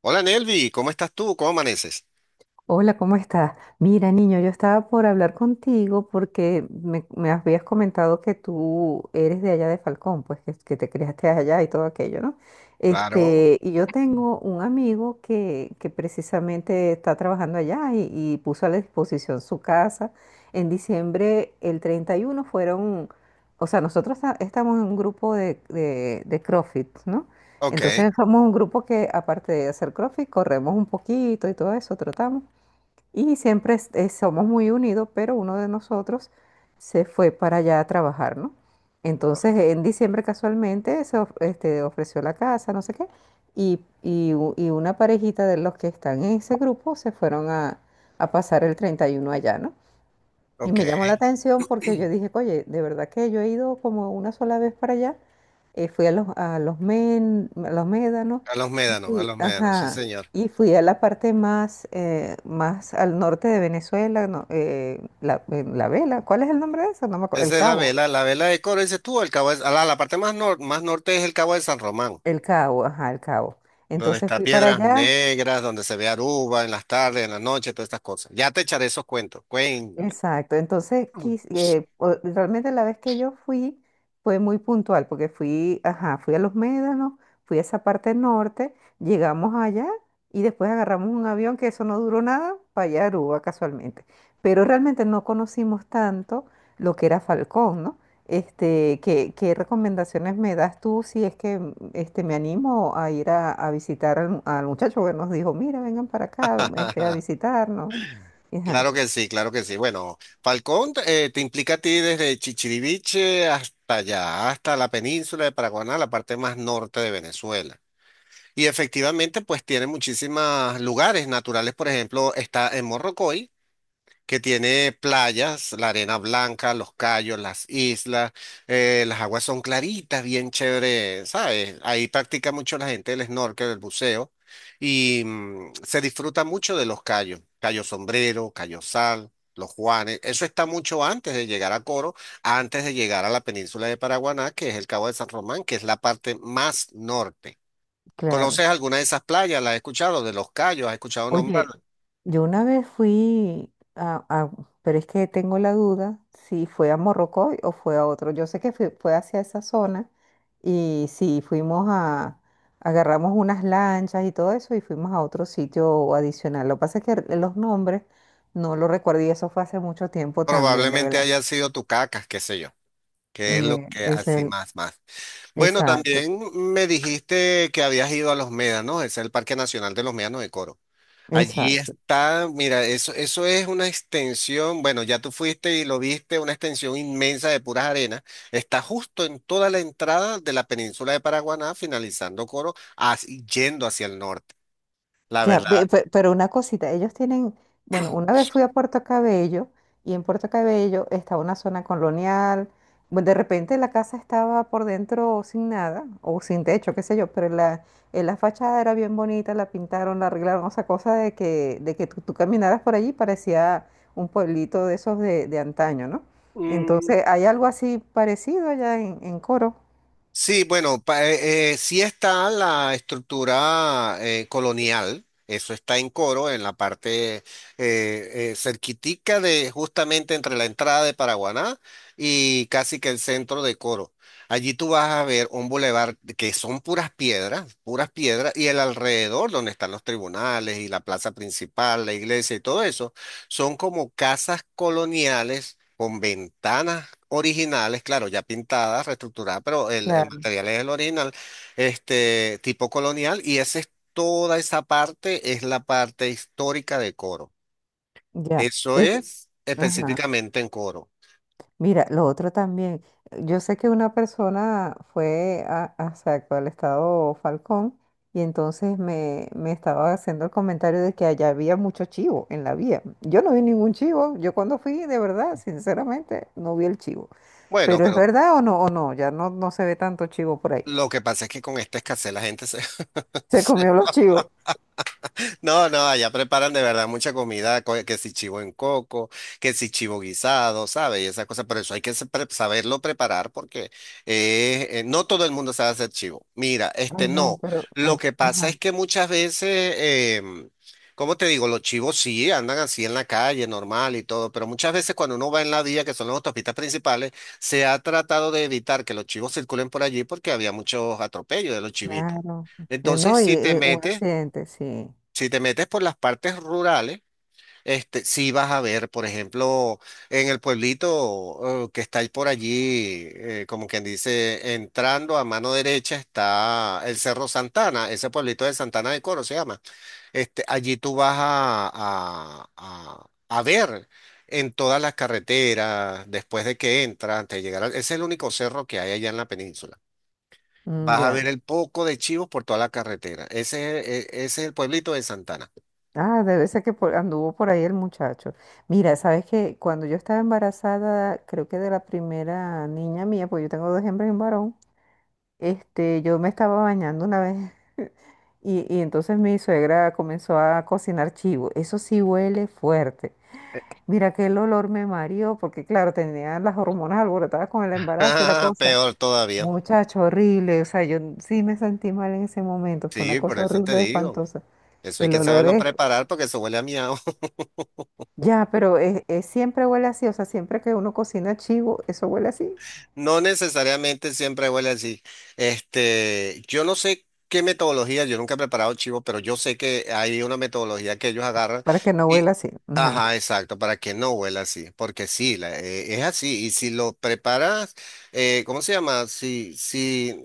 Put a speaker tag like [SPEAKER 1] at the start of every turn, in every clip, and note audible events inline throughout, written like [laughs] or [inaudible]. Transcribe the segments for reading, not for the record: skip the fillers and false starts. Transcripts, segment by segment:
[SPEAKER 1] Hola Nelvi, ¿cómo estás tú? ¿Cómo amaneces?
[SPEAKER 2] Hola, ¿cómo estás? Mira, niño, yo estaba por hablar contigo porque me habías comentado que tú eres de allá de Falcón, pues que te criaste allá y todo aquello, ¿no?
[SPEAKER 1] Claro,
[SPEAKER 2] Y yo tengo un amigo que precisamente está trabajando allá y puso a la disposición su casa. En diciembre, el 31 fueron, o sea, nosotros estamos en un grupo de CrossFit, ¿no?
[SPEAKER 1] ok,
[SPEAKER 2] Entonces somos un grupo que aparte de hacer CrossFit, corremos un poquito y todo eso, trotamos. Y siempre somos muy unidos, pero uno de nosotros se fue para allá a trabajar, ¿no? Entonces, en diciembre casualmente ofreció la casa, no sé qué, y una parejita de los que están en ese grupo se fueron a pasar el 31 allá, ¿no? Y
[SPEAKER 1] ok.
[SPEAKER 2] me llamó la atención porque yo dije, oye, de verdad que yo he ido como una sola vez para allá. Fui a los médanos y
[SPEAKER 1] A
[SPEAKER 2] fui,
[SPEAKER 1] los médanos, sí
[SPEAKER 2] ajá,
[SPEAKER 1] señor.
[SPEAKER 2] y fui a la parte más, más al norte de Venezuela, no, La Vela. ¿Cuál es el nombre de eso? No me acuerdo. El
[SPEAKER 1] Esa es
[SPEAKER 2] Cabo.
[SPEAKER 1] la vela de Coro, dices tú, el cabo de- a la, la parte más, nor- más norte es el Cabo de San Román,
[SPEAKER 2] El Cabo, ajá, el Cabo.
[SPEAKER 1] donde
[SPEAKER 2] Entonces
[SPEAKER 1] está
[SPEAKER 2] fui para
[SPEAKER 1] Piedras
[SPEAKER 2] allá.
[SPEAKER 1] Negras, donde se ve Aruba en las tardes, en la noche, todas estas cosas. Ya te echaré esos cuentos, cuenta.
[SPEAKER 2] Exacto, entonces realmente la vez que yo fui fue muy puntual porque fui, ajá, fui a Los Médanos, fui a esa parte norte, llegamos allá y después agarramos un avión que eso no duró nada para allá a Aruba casualmente. Pero realmente no conocimos tanto lo que era Falcón, ¿no? ¿Qué recomendaciones me das tú si es que me animo a ir a visitar al muchacho que nos dijo, mira, vengan para acá a
[SPEAKER 1] [laughs]
[SPEAKER 2] visitarnos? Ajá.
[SPEAKER 1] Claro que sí, claro que sí. Bueno, Falcón te implica a ti desde Chichiriviche hasta allá, hasta la península de Paraguaná, la parte más norte de Venezuela. Y efectivamente, pues tiene muchísimos lugares naturales. Por ejemplo, está en Morrocoy, que tiene playas, la arena blanca, los cayos, las islas, las aguas son claritas, bien chévere, ¿sabes? Ahí practica mucho la gente el snorkel, el buceo, y se disfruta mucho de los cayos, cayo sombrero, cayo sal. Los Juanes, eso está mucho antes de llegar a Coro, antes de llegar a la península de Paraguaná, que es el Cabo de San Román, que es la parte más norte. ¿Conoces
[SPEAKER 2] Claro.
[SPEAKER 1] alguna de esas playas? ¿Las has escuchado? De Los Cayos, ¿has escuchado
[SPEAKER 2] Oye,
[SPEAKER 1] nombrarlo?
[SPEAKER 2] yo una vez pero es que tengo la duda si fue a Morrocoy o fue a otro. Yo sé que fue hacia esa zona y sí, agarramos unas lanchas y todo eso y fuimos a otro sitio adicional. Lo que pasa es que los nombres no los recuerdo y eso fue hace mucho tiempo también, de
[SPEAKER 1] Probablemente
[SPEAKER 2] verdad.
[SPEAKER 1] hayan sido Tucacas, qué sé yo, que es lo
[SPEAKER 2] Mm,
[SPEAKER 1] que
[SPEAKER 2] Es
[SPEAKER 1] así
[SPEAKER 2] el,
[SPEAKER 1] más, más. Bueno,
[SPEAKER 2] exacto,
[SPEAKER 1] también me dijiste que habías ido a Los Médanos, es el Parque Nacional de los Médanos de Coro. Allí
[SPEAKER 2] exacto.
[SPEAKER 1] está, mira, eso es una extensión, bueno, ya tú fuiste y lo viste, una extensión inmensa de puras arenas. Está justo en toda la entrada de la península de Paraguaná, finalizando Coro, as- yendo hacia el norte. La verdad.
[SPEAKER 2] Pero una cosita, ellos tienen, bueno, una vez fui a Puerto Cabello y en Puerto Cabello estaba una zona colonial, bueno, de repente la casa estaba por dentro sin nada o sin techo, qué sé yo, pero la fachada era bien bonita, la pintaron, la arreglaron, o sea, cosa de que tú caminaras por allí parecía un pueblito de esos de antaño, ¿no?
[SPEAKER 1] mm,
[SPEAKER 2] Entonces, hay algo así parecido allá en Coro.
[SPEAKER 1] Sí, bueno, pa- sí está la estructura colonial, eso está en Coro, en la parte cerquitica de justamente entre la entrada de Paraguaná y casi que el centro de Coro. Allí tú vas a ver un bulevar que son puras piedras, y el alrededor donde están los tribunales y la plaza principal, la iglesia y todo eso. Son como casas coloniales con ventanas originales, claro, ya pintadas, reestructuradas, pero el
[SPEAKER 2] Claro.
[SPEAKER 1] material es el original, este tipo colonial, y esa es toda esa parte, es la parte histórica de Coro.
[SPEAKER 2] Ya.
[SPEAKER 1] Eso
[SPEAKER 2] Es-
[SPEAKER 1] es
[SPEAKER 2] ajá.
[SPEAKER 1] específicamente en Coro.
[SPEAKER 2] Mira, lo otro también, yo sé que una persona exacto, al estado Falcón y entonces me estaba haciendo el comentario de que allá había mucho chivo en la vía. Yo no vi ningún chivo, yo cuando fui, de verdad, sinceramente, no vi el chivo.
[SPEAKER 1] Bueno,
[SPEAKER 2] Pero es
[SPEAKER 1] pero
[SPEAKER 2] verdad o no, ya no, no se ve tanto chivo por ahí.
[SPEAKER 1] lo que pasa es que con esta escasez la gente se, [laughs]
[SPEAKER 2] Se
[SPEAKER 1] se...
[SPEAKER 2] comió los chivos.
[SPEAKER 1] No, no, allá preparan de verdad mucha comida, co- que si chivo en coco, que si chivo guisado, ¿sabes? Y esas cosas, pero eso hay que se- pre- saberlo preparar porque no todo el mundo sabe hacer chivo. Mira, este
[SPEAKER 2] Ay,
[SPEAKER 1] no,
[SPEAKER 2] no, pero,
[SPEAKER 1] lo
[SPEAKER 2] ah,
[SPEAKER 1] que pasa
[SPEAKER 2] ajá,
[SPEAKER 1] es que muchas veces, ¿cómo te digo? Los chivos sí andan así en la calle, normal y todo, pero muchas veces cuando uno va en la vía, que son las autopistas principales, se ha tratado de evitar que los chivos circulen por allí porque había muchos atropellos de los chivitos.
[SPEAKER 2] claro.
[SPEAKER 1] Entonces,
[SPEAKER 2] No, y
[SPEAKER 1] si te
[SPEAKER 2] un
[SPEAKER 1] metes...
[SPEAKER 2] accidente, sí.
[SPEAKER 1] Si te metes por las partes rurales, este, sí vas a ver, por ejemplo, en el pueblito que está ahí por allí, como quien dice, entrando a mano derecha está el Cerro Santana, ese pueblito de Santana de Coro se llama. Este, allí tú vas a ver en todas las carreteras, después de que entras, antes de llegar al- ese es el único cerro que hay allá en la península.
[SPEAKER 2] Mm,
[SPEAKER 1] Vas a
[SPEAKER 2] ya.
[SPEAKER 1] ver el poco de chivos por toda la carretera. Ese, es- e- ese es el pueblito de Santana.
[SPEAKER 2] Ah, debe ser que anduvo por ahí el muchacho. Mira, sabes que cuando yo estaba embarazada, creo que de la primera niña mía, pues yo tengo dos hembras y un varón, yo me estaba bañando una vez [laughs] y entonces mi suegra comenzó a cocinar chivo. Eso sí huele fuerte. Mira que el olor me mareó porque claro, tenía las hormonas alborotadas con el embarazo y la
[SPEAKER 1] [laughs]
[SPEAKER 2] cosa.
[SPEAKER 1] Peor todavía.
[SPEAKER 2] Muchacho, horrible. O sea, yo sí me sentí mal en ese momento. Fue una
[SPEAKER 1] Sí, por
[SPEAKER 2] cosa
[SPEAKER 1] eso te
[SPEAKER 2] horrible,
[SPEAKER 1] digo.
[SPEAKER 2] espantosa.
[SPEAKER 1] Eso hay
[SPEAKER 2] El
[SPEAKER 1] que
[SPEAKER 2] olor
[SPEAKER 1] saberlo
[SPEAKER 2] es...
[SPEAKER 1] preparar porque eso huele a miau.
[SPEAKER 2] Siempre huele así, o sea, siempre que uno cocina chivo, eso huele así,
[SPEAKER 1] No necesariamente siempre huele así. Este, yo no sé qué metodología, yo nunca he preparado chivo, pero yo sé que hay una metodología que ellos agarran
[SPEAKER 2] para que no
[SPEAKER 1] y,
[SPEAKER 2] huela así. Ajá.
[SPEAKER 1] ajá, exacto, para que no huela así, porque sí, la- es así. Y si lo preparas, ¿cómo se llama? Si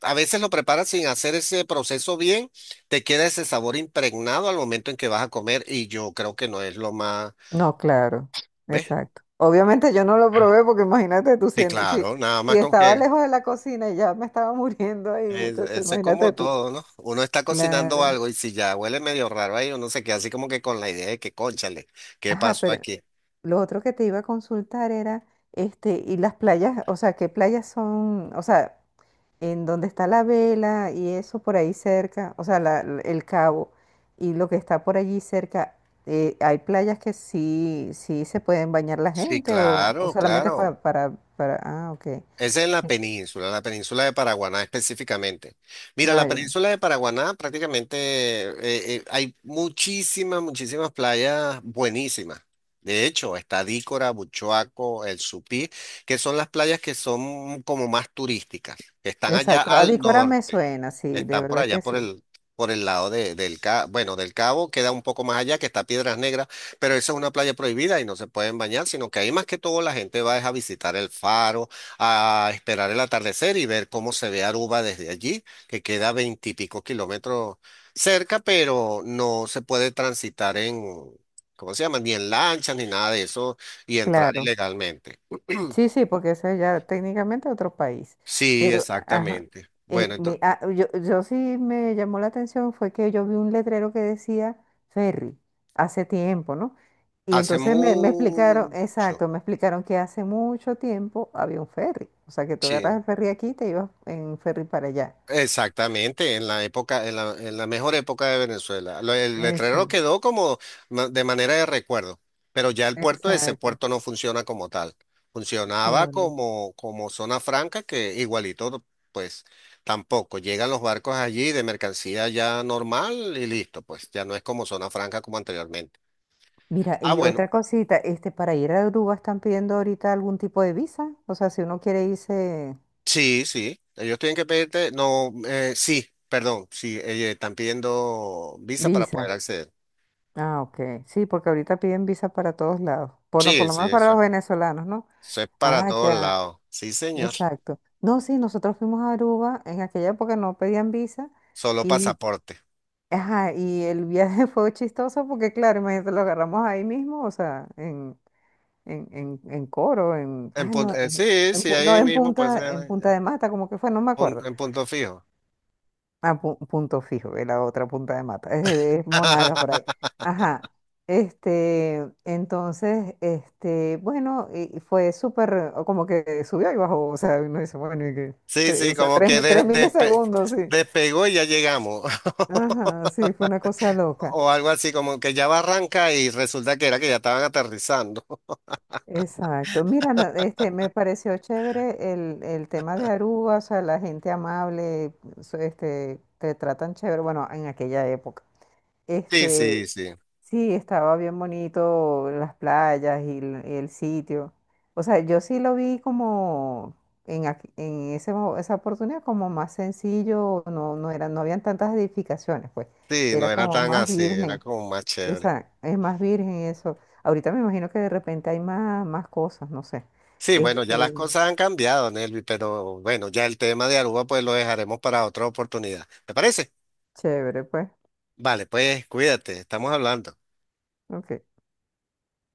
[SPEAKER 1] a veces lo preparas sin hacer ese proceso bien, te queda ese sabor impregnado al momento en que vas a comer y yo creo que no es lo más,
[SPEAKER 2] No, claro,
[SPEAKER 1] ¿ves?
[SPEAKER 2] exacto. Obviamente yo no lo probé porque imagínate tú,
[SPEAKER 1] Sí, claro, nada
[SPEAKER 2] si
[SPEAKER 1] más con
[SPEAKER 2] estaba
[SPEAKER 1] que...
[SPEAKER 2] lejos de la cocina y ya me estaba [laughs] muriendo ahí, muchacho,
[SPEAKER 1] Es
[SPEAKER 2] imagínate
[SPEAKER 1] como
[SPEAKER 2] tú.
[SPEAKER 1] todo, ¿no? Uno está cocinando
[SPEAKER 2] Claro.
[SPEAKER 1] algo y si ya huele medio raro ahí, uno se queda así como que con la idea de que, cónchale, ¿qué
[SPEAKER 2] Ajá,
[SPEAKER 1] pasó
[SPEAKER 2] pero
[SPEAKER 1] aquí?
[SPEAKER 2] lo otro que te iba a consultar era, y las playas, o sea, ¿qué playas son? O sea, en donde está la vela y eso por ahí cerca, o sea, el cabo y lo que está por allí cerca, hay playas que sí se pueden bañar la
[SPEAKER 1] Sí,
[SPEAKER 2] gente o
[SPEAKER 1] claro,
[SPEAKER 2] solamente
[SPEAKER 1] claro.
[SPEAKER 2] para, ah, ok,
[SPEAKER 1] Es en la península de Paraguaná específicamente. Mira, la
[SPEAKER 2] ah, ya,
[SPEAKER 1] península de Paraguaná prácticamente hay muchísimas, muchísimas playas buenísimas. De hecho, está Dícora, Buchoaco, El Supí, que son las playas que son como más turísticas, que están allá
[SPEAKER 2] exacto,
[SPEAKER 1] al
[SPEAKER 2] Adícora me
[SPEAKER 1] norte.
[SPEAKER 2] suena, sí, de
[SPEAKER 1] Están por
[SPEAKER 2] verdad
[SPEAKER 1] allá,
[SPEAKER 2] que sí,
[SPEAKER 1] por el lado de- del Cabo, bueno, del Cabo, queda un poco más allá, que está Piedras Negras, pero esa es una playa prohibida y no se pueden bañar, sino que ahí más que todo la gente va es a visitar el faro, a esperar el atardecer y ver cómo se ve Aruba desde allí, que queda veintipico km cerca, pero no se puede transitar en, ¿cómo se llama? Ni en lanchas ni nada de eso y entrar
[SPEAKER 2] claro.
[SPEAKER 1] ilegalmente.
[SPEAKER 2] Sí, sí, porque eso es ya técnicamente otro país.
[SPEAKER 1] Sí,
[SPEAKER 2] Pero, ajá,
[SPEAKER 1] exactamente. Bueno, entonces,
[SPEAKER 2] yo sí me llamó la atención fue que yo vi un letrero que decía ferry hace tiempo, ¿no? Y
[SPEAKER 1] hace
[SPEAKER 2] entonces me explicaron,
[SPEAKER 1] mucho.
[SPEAKER 2] exacto, me explicaron que hace mucho tiempo había un ferry. O sea, que tú agarras
[SPEAKER 1] Sí.
[SPEAKER 2] el ferry aquí y te ibas en ferry para allá.
[SPEAKER 1] Exactamente, en la época, en la mejor época de Venezuela. Lo- el letrero
[SPEAKER 2] Exacto,
[SPEAKER 1] quedó como ma- de manera de recuerdo, pero ya el puerto, ese
[SPEAKER 2] exacto,
[SPEAKER 1] puerto no funciona como tal. Funcionaba
[SPEAKER 2] claro.
[SPEAKER 1] como, como zona franca, que igualito, pues tampoco. Llegan los barcos allí de mercancía ya normal y listo, pues ya no es como zona franca como anteriormente.
[SPEAKER 2] Mira,
[SPEAKER 1] Ah,
[SPEAKER 2] y
[SPEAKER 1] bueno,
[SPEAKER 2] otra cosita, para ir a Aruba están pidiendo ahorita algún tipo de visa. O sea, si uno quiere irse...
[SPEAKER 1] sí, sí, ellos tienen que pedirte, no, sí, perdón, sí, están pidiendo visa para poder
[SPEAKER 2] Visa.
[SPEAKER 1] acceder.
[SPEAKER 2] Ah, ok. Sí, porque ahorita piden visa para todos lados. Por
[SPEAKER 1] Sí,
[SPEAKER 2] lo
[SPEAKER 1] sí,
[SPEAKER 2] menos para
[SPEAKER 1] eso...
[SPEAKER 2] los venezolanos, ¿no?
[SPEAKER 1] Eso es para
[SPEAKER 2] Ah,
[SPEAKER 1] todos
[SPEAKER 2] ya.
[SPEAKER 1] lados. Sí, señor.
[SPEAKER 2] Exacto. No, sí, nosotros fuimos a Aruba. En aquella época no pedían visa.
[SPEAKER 1] Solo
[SPEAKER 2] Y,
[SPEAKER 1] pasaporte.
[SPEAKER 2] ajá, y el viaje [laughs] fue chistoso porque, claro, imagínate, lo agarramos ahí mismo, o sea, en Coro, en.
[SPEAKER 1] En
[SPEAKER 2] Ah,
[SPEAKER 1] pun-
[SPEAKER 2] no,
[SPEAKER 1] sí, sí, ahí mismo pues
[SPEAKER 2] En Punta
[SPEAKER 1] en,
[SPEAKER 2] de Mata, como que fue, no me
[SPEAKER 1] pun-
[SPEAKER 2] acuerdo.
[SPEAKER 1] en punto fijo.
[SPEAKER 2] A punto fijo, que la otra punta de mata. Es Monagas por ahí.
[SPEAKER 1] [laughs]
[SPEAKER 2] Ajá. Bueno, y fue súper, o como que subió y bajó, o sea, uno dice, bueno, y que,
[SPEAKER 1] Sí, sí, como que de-
[SPEAKER 2] tres
[SPEAKER 1] despe-
[SPEAKER 2] milisegundos, sí.
[SPEAKER 1] despegó y ya llegamos. [laughs]
[SPEAKER 2] Ajá, sí, fue una cosa loca.
[SPEAKER 1] O algo así, como que ya va arranca y resulta que era que ya estaban aterrizando. [laughs]
[SPEAKER 2] Exacto. Mira, me pareció chévere el tema de Aruba, o sea, la gente amable, te tratan chévere, bueno, en aquella época.
[SPEAKER 1] Sí, sí,
[SPEAKER 2] Este,
[SPEAKER 1] sí.
[SPEAKER 2] sí, estaba bien bonito las playas y el sitio. O sea, yo sí lo vi como en esa oportunidad como más sencillo, no eran, no habían tantas edificaciones, pues.
[SPEAKER 1] Sí,
[SPEAKER 2] Era
[SPEAKER 1] no era
[SPEAKER 2] como
[SPEAKER 1] tan
[SPEAKER 2] más
[SPEAKER 1] así, era
[SPEAKER 2] virgen.
[SPEAKER 1] como más chévere.
[SPEAKER 2] Esa, es más virgen eso. Ahorita me imagino que de repente hay más, más cosas, no sé.
[SPEAKER 1] Sí, bueno, ya las
[SPEAKER 2] Este,
[SPEAKER 1] cosas han cambiado, Nelvi, pero bueno, ya el tema de Aruba pues lo dejaremos para otra oportunidad. ¿Te parece?
[SPEAKER 2] chévere, pues.
[SPEAKER 1] Vale, pues cuídate, estamos hablando.
[SPEAKER 2] Ok.